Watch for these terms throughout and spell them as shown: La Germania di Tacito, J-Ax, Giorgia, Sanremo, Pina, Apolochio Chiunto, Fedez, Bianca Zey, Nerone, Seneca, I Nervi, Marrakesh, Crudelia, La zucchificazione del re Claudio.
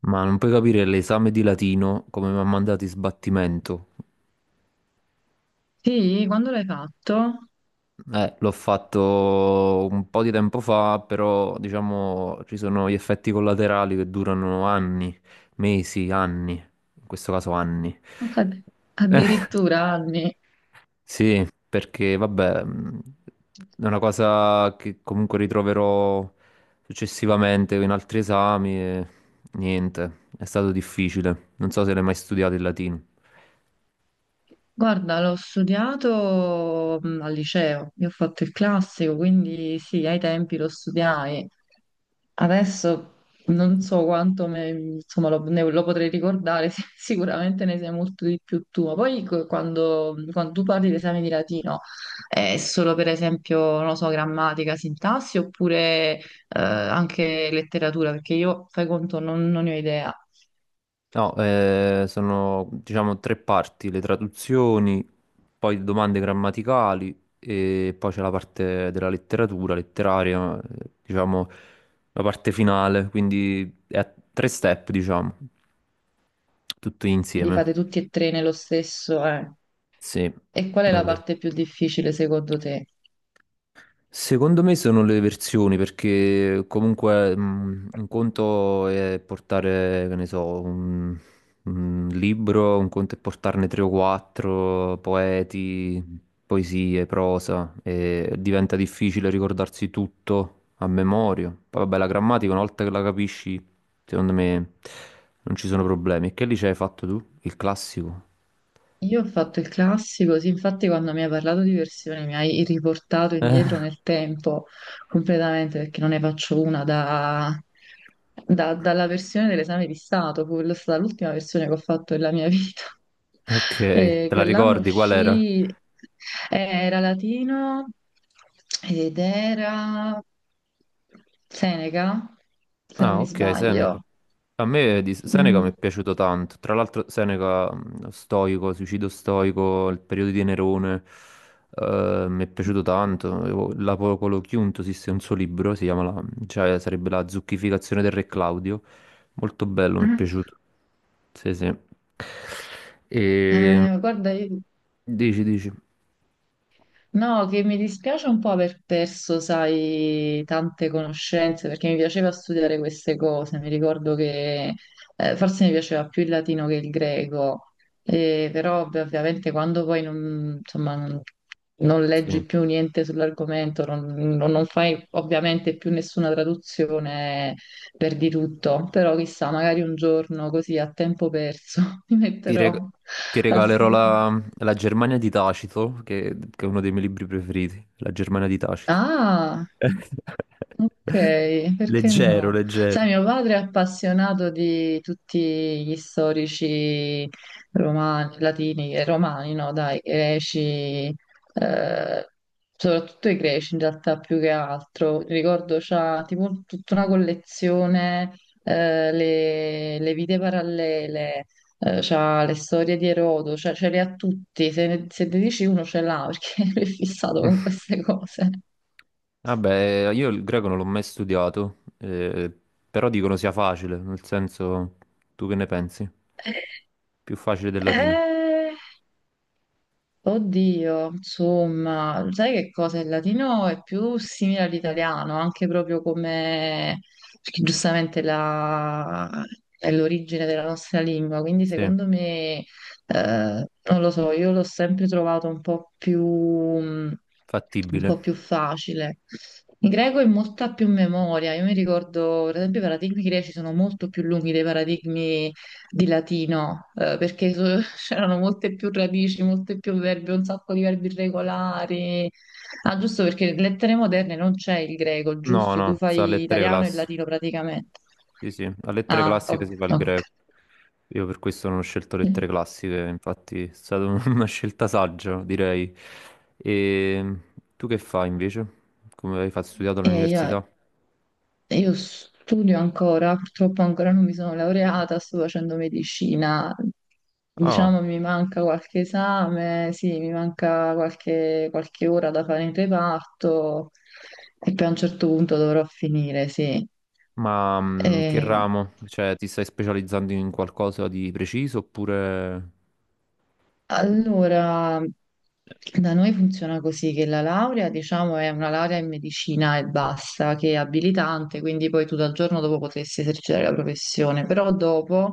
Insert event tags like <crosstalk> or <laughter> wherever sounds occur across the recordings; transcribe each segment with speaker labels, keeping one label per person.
Speaker 1: Ma non puoi capire l'esame di latino come mi ha mandato in sbattimento.
Speaker 2: Sì, quando l'hai fatto?
Speaker 1: L'ho fatto un po' di tempo fa, però diciamo ci sono gli effetti collaterali che durano anni, mesi, anni, in questo caso anni.
Speaker 2: Ad-
Speaker 1: Eh,
Speaker 2: Addirittura anni.
Speaker 1: Sì, perché vabbè, è una cosa che comunque ritroverò successivamente in altri esami e niente, è stato difficile. Non so se l'hai mai studiato il latino.
Speaker 2: Guarda, l'ho studiato al liceo, io ho fatto il classico, quindi sì, ai tempi lo studiai. Adesso non so insomma, lo potrei ricordare, <laughs> sì, sicuramente ne sai molto di più tu. Ma poi quando, quando tu parli di esami di latino, è solo per esempio, non lo so, grammatica, sintassi oppure anche letteratura? Perché io, fai conto, non ne ho idea.
Speaker 1: No, sono diciamo tre parti, le traduzioni, poi domande grammaticali e poi c'è la parte della letteratura, letteraria, diciamo la parte finale, quindi è a tre step, diciamo, tutto
Speaker 2: Li
Speaker 1: insieme.
Speaker 2: fate tutti e tre nello stesso, eh.
Speaker 1: Sì.
Speaker 2: E qual è la
Speaker 1: nel-
Speaker 2: parte più difficile secondo te?
Speaker 1: Secondo me sono le versioni, perché comunque un conto è portare, che ne so, un libro, un conto è portarne tre o quattro, poeti, poesie, prosa, e diventa difficile ricordarsi tutto a memoria. Poi vabbè, la grammatica una volta che la capisci, secondo me non ci sono problemi. E che lì hai fatto tu? Il classico?
Speaker 2: Io ho fatto il classico, sì, infatti quando mi hai parlato di versioni mi hai riportato
Speaker 1: Eh,
Speaker 2: indietro nel tempo completamente perché non ne faccio una dalla versione dell'esame di Stato, fu stata l'ultima versione che ho fatto della mia vita. <laughs>
Speaker 1: ok,
Speaker 2: E
Speaker 1: te la
Speaker 2: quell'anno
Speaker 1: ricordi qual era?
Speaker 2: uscì, era latino ed era Seneca, se non
Speaker 1: Ah,
Speaker 2: mi
Speaker 1: ok, Seneca.
Speaker 2: sbaglio.
Speaker 1: A me di Seneca mi
Speaker 2: Mm.
Speaker 1: è piaciuto tanto, tra l'altro Seneca, stoico, suicidio stoico, il periodo di Nerone, mi è piaciuto tanto. L'Apolochio Chiunto esiste un suo libro, si chiama cioè, sarebbe La zucchificazione del re Claudio, molto bello, mi è piaciuto. Sì, sì. E...
Speaker 2: Guarda, io
Speaker 1: Dici, dici,
Speaker 2: No, che mi dispiace un po' aver perso, sai, tante conoscenze, perché mi piaceva studiare queste cose. Mi ricordo che forse mi piaceva più il latino che il greco. Però ovviamente quando poi non, insomma, non, non
Speaker 1: sì.
Speaker 2: leggi più niente sull'argomento, non fai ovviamente più nessuna traduzione, perdi tutto. Però chissà, magari un giorno così a tempo perso <laughs> mi
Speaker 1: Ti, reg-
Speaker 2: metterò
Speaker 1: ti
Speaker 2: a
Speaker 1: regalerò
Speaker 2: studiare.
Speaker 1: la Germania di Tacito, che è uno dei miei libri preferiti, La Germania di Tacito.
Speaker 2: Ah! Ok,
Speaker 1: <laughs>
Speaker 2: perché
Speaker 1: Leggero,
Speaker 2: no?
Speaker 1: leggero.
Speaker 2: Sai, mio padre è appassionato di tutti gli storici romani, latini e romani, no, dai, greci, eh, soprattutto i greci in realtà più che altro. Ricordo c'ha tipo tutta una collezione, le vite parallele, c'ha le storie di Erodo, cioè ce le ha tutti, se ne dici uno ce l'ha perché <laughs> lui è fissato con queste cose.
Speaker 1: Vabbè, io il greco non l'ho mai studiato, però dicono sia facile, nel senso, tu che ne pensi? Più facile del latino.
Speaker 2: Eh, Oddio, insomma, sai che cosa? Il latino è più simile all'italiano, anche proprio come, perché giustamente è l'origine della nostra lingua, quindi
Speaker 1: Sì,
Speaker 2: secondo me, non lo so, io l'ho sempre trovato un po' più, un
Speaker 1: fattibile.
Speaker 2: po' più facile. In greco è molta più memoria, io mi ricordo, per esempio, i paradigmi greci sono molto più lunghi dei paradigmi di latino, c'erano molte più radici, molte più verbi, un sacco di verbi irregolari. Ah, giusto perché lettere moderne non c'è il greco,
Speaker 1: No,
Speaker 2: giusto? Tu
Speaker 1: no, sa
Speaker 2: fai
Speaker 1: lettere
Speaker 2: italiano e
Speaker 1: classiche.
Speaker 2: latino praticamente.
Speaker 1: Sì, sì, a lettere
Speaker 2: Ah,
Speaker 1: classiche
Speaker 2: ok.
Speaker 1: si fa il
Speaker 2: Ok.
Speaker 1: greco. Io per questo non ho scelto lettere classiche, infatti è stata un- <laughs> una scelta saggia, direi. E tu che fai invece? Come hai fatto studiato
Speaker 2: E io-
Speaker 1: all'università?
Speaker 2: Io studio ancora, purtroppo ancora non mi sono laureata, sto facendo medicina.
Speaker 1: Ah.
Speaker 2: Diciamo mi manca qualche esame, sì, mi manca qualche ora da fare in reparto e poi a un certo punto dovrò finire, sì.
Speaker 1: Ma che
Speaker 2: E,
Speaker 1: ramo? Cioè, ti stai specializzando in qualcosa di preciso oppure...
Speaker 2: allora, da noi funziona così che la laurea, diciamo, è una laurea in medicina e basta, che è abilitante, quindi poi tu dal giorno dopo potresti esercitare la professione, però dopo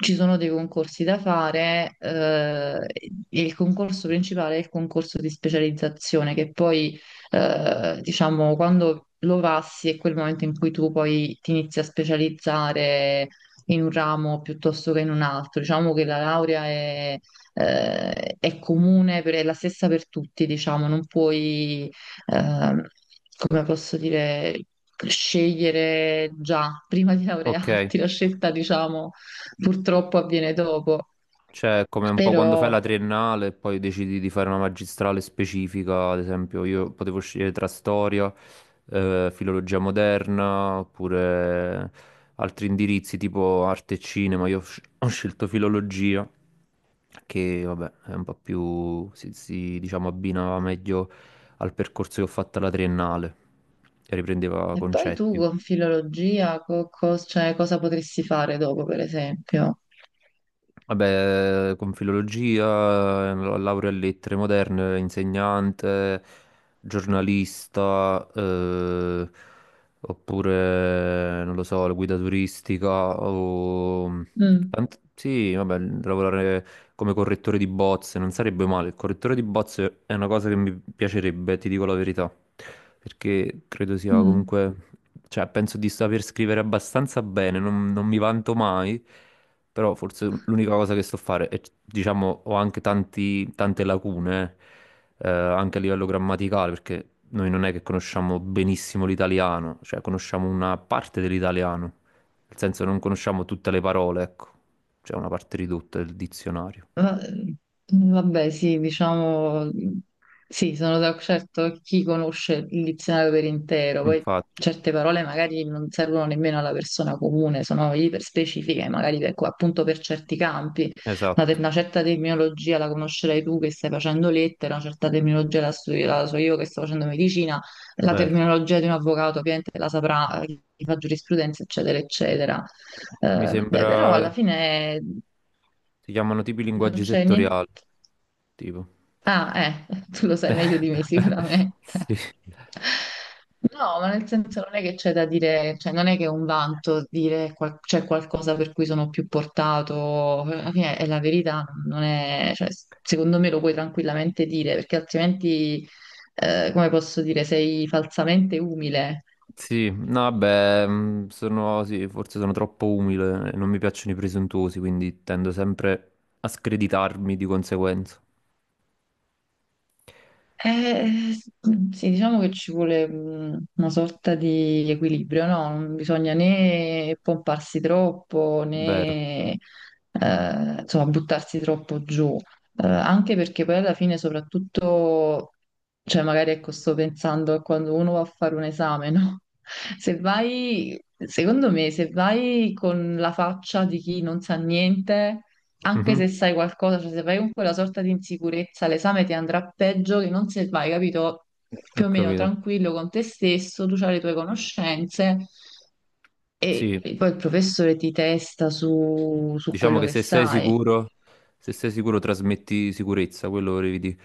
Speaker 2: ci sono dei concorsi da fare, e il concorso principale è il concorso di specializzazione, che poi, diciamo, quando lo passi è quel momento in cui tu poi ti inizi a specializzare in un ramo piuttosto che in un altro. Diciamo che la laurea è comune, è la stessa per tutti, diciamo, non puoi, ehm, come posso dire, scegliere già prima di
Speaker 1: Ok.
Speaker 2: laurearti, la scelta, diciamo, purtroppo avviene dopo.
Speaker 1: Cioè, è come un po'
Speaker 2: Però,
Speaker 1: quando fai la triennale e poi decidi di fare una magistrale specifica, ad esempio io potevo scegliere tra storia, filologia moderna, oppure altri indirizzi tipo arte e cinema. Io ho scelto filologia, che vabbè è un po' più, si, diciamo, abbinava meglio al percorso che ho fatto alla triennale, e riprendeva
Speaker 2: e poi tu
Speaker 1: concetti.
Speaker 2: con filologia, cioè, cosa potresti fare dopo, per esempio?
Speaker 1: Vabbè, con filologia, laurea in lettere moderne, insegnante, giornalista, oppure, non lo so, la guida turistica o...
Speaker 2: Mm,
Speaker 1: Sì, vabbè, lavorare come correttore di bozze non sarebbe male. Il correttore di bozze è una cosa che mi piacerebbe, ti dico la verità, perché credo sia
Speaker 2: mm.
Speaker 1: comunque... Cioè, penso di saper scrivere abbastanza bene, non mi vanto mai. Però forse l'unica cosa che so fare è, diciamo, ho anche tante lacune, anche a livello grammaticale, perché noi non è che conosciamo benissimo l'italiano, cioè conosciamo una parte dell'italiano, nel senso non conosciamo tutte le parole, ecco, c'è una parte ridotta del dizionario.
Speaker 2: Ma- Vabbè, sì, diciamo, sì, certo chi conosce il dizionario per intero, poi
Speaker 1: Infatti,
Speaker 2: certe parole magari non servono nemmeno alla persona comune, sono iperspecifiche, magari per, appunto per certi campi,
Speaker 1: esatto,
Speaker 2: una certa terminologia la conoscerai tu che stai facendo lettere, una certa terminologia la so io che sto facendo medicina, la
Speaker 1: vero.
Speaker 2: terminologia di un avvocato ovviamente la saprà chi fa giurisprudenza, eccetera, eccetera.
Speaker 1: Mi
Speaker 2: Beh, però alla
Speaker 1: sembra
Speaker 2: fine
Speaker 1: si chiamano tipi
Speaker 2: non
Speaker 1: linguaggi
Speaker 2: c'è niente.
Speaker 1: settoriali, tipo.
Speaker 2: Ah, <laughs> tu lo sai meglio di me
Speaker 1: <laughs>
Speaker 2: sicuramente.
Speaker 1: Sì.
Speaker 2: No, ma nel senso non è che c'è da dire, cioè non è che è un vanto dire c'è qualcosa per cui sono più portato, alla fine è la verità, non è, cioè, secondo me lo puoi tranquillamente dire, perché altrimenti, come posso dire, sei falsamente umile.
Speaker 1: Sì, no, vabbè, sono, sì, forse sono troppo umile e non mi piacciono i presuntuosi, quindi tendo sempre a screditarmi di conseguenza.
Speaker 2: Eh, eh, sì, diciamo che ci vuole una sorta di equilibrio, no? Non bisogna né pomparsi troppo
Speaker 1: Vero.
Speaker 2: né insomma, buttarsi troppo giù. Anche perché poi alla fine, soprattutto, cioè magari ecco, sto pensando a quando uno va a fare un esame, no? <laughs> Se vai, secondo me, se vai con la faccia di chi non sa niente anche
Speaker 1: Mhm.
Speaker 2: se sai qualcosa, cioè se vai con quella sorta di insicurezza, l'esame ti andrà peggio che non se vai, capito? Più
Speaker 1: Ho
Speaker 2: o meno
Speaker 1: capito.
Speaker 2: tranquillo con te stesso, tu hai le tue conoscenze e
Speaker 1: Sì,
Speaker 2: poi il professore ti testa su, su
Speaker 1: diciamo
Speaker 2: quello
Speaker 1: che
Speaker 2: che sai.
Speaker 1: se sei sicuro trasmetti sicurezza, quello volevi dire.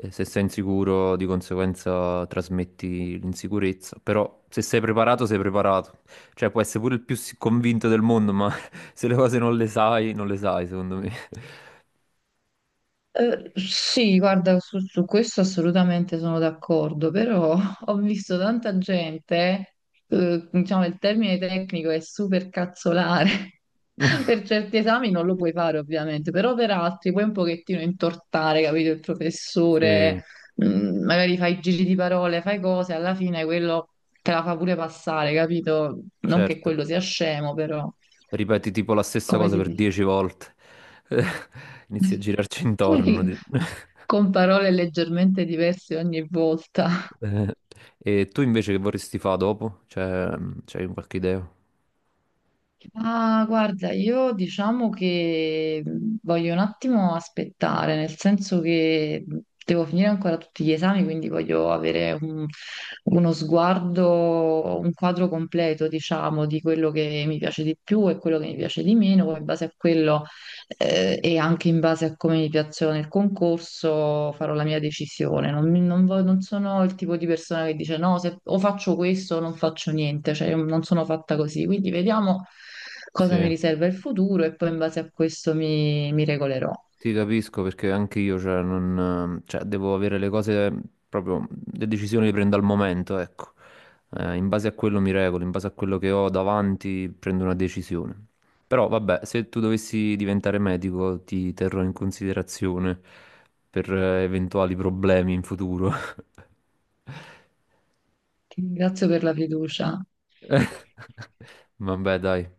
Speaker 1: E se sei insicuro, di conseguenza trasmetti l'insicurezza. Però se sei preparato, sei preparato. Cioè, puoi essere pure il più convinto del mondo, ma <laughs> se le cose non le sai, non le sai, secondo me.
Speaker 2: Sì, guarda, su, su questo assolutamente sono d'accordo, però <laughs> ho visto tanta gente, diciamo il termine tecnico è super cazzolare. <laughs>
Speaker 1: <laughs>
Speaker 2: Per certi esami non lo puoi fare ovviamente, però per altri puoi un pochettino intortare, capito, il
Speaker 1: Sì,
Speaker 2: professore, mm, magari fai giri di parole, fai cose, alla fine quello te la fa pure passare, capito? Non che
Speaker 1: certo.
Speaker 2: quello sia scemo, però
Speaker 1: Ripeti tipo la stessa
Speaker 2: come
Speaker 1: cosa
Speaker 2: si
Speaker 1: per
Speaker 2: dice?
Speaker 1: 10 volte. <laughs> Inizi a girarci intorno.
Speaker 2: <laughs>
Speaker 1: <laughs>
Speaker 2: Con parole leggermente diverse ogni volta.
Speaker 1: Eh, e tu invece che vorresti fare dopo? Cioè, c'hai qualche idea?
Speaker 2: Ah, guarda, io diciamo che voglio un attimo aspettare, nel senso che devo finire ancora tutti gli esami, quindi voglio avere uno sguardo, un quadro completo, diciamo, di quello che mi piace di più e quello che mi piace di meno, poi in base a quello e anche in base a come mi piacciono nel concorso farò la mia decisione. Non, mi- non vo- non sono il tipo di persona che dice no, se, o faccio questo o non faccio niente, cioè io non sono fatta così. Quindi vediamo cosa mi
Speaker 1: Sì.
Speaker 2: riserva il futuro e poi in base a questo mi regolerò.
Speaker 1: Ti capisco, perché anche io, cioè, non, cioè, devo avere le cose proprio, le decisioni le prendo al momento, ecco. In base a quello mi regolo, in base a quello che ho davanti prendo una decisione. Però vabbè, se tu dovessi diventare medico ti terrò in considerazione per eventuali problemi in futuro.
Speaker 2: Ti ringrazio per la fiducia.
Speaker 1: <laughs> Vabbè, dai.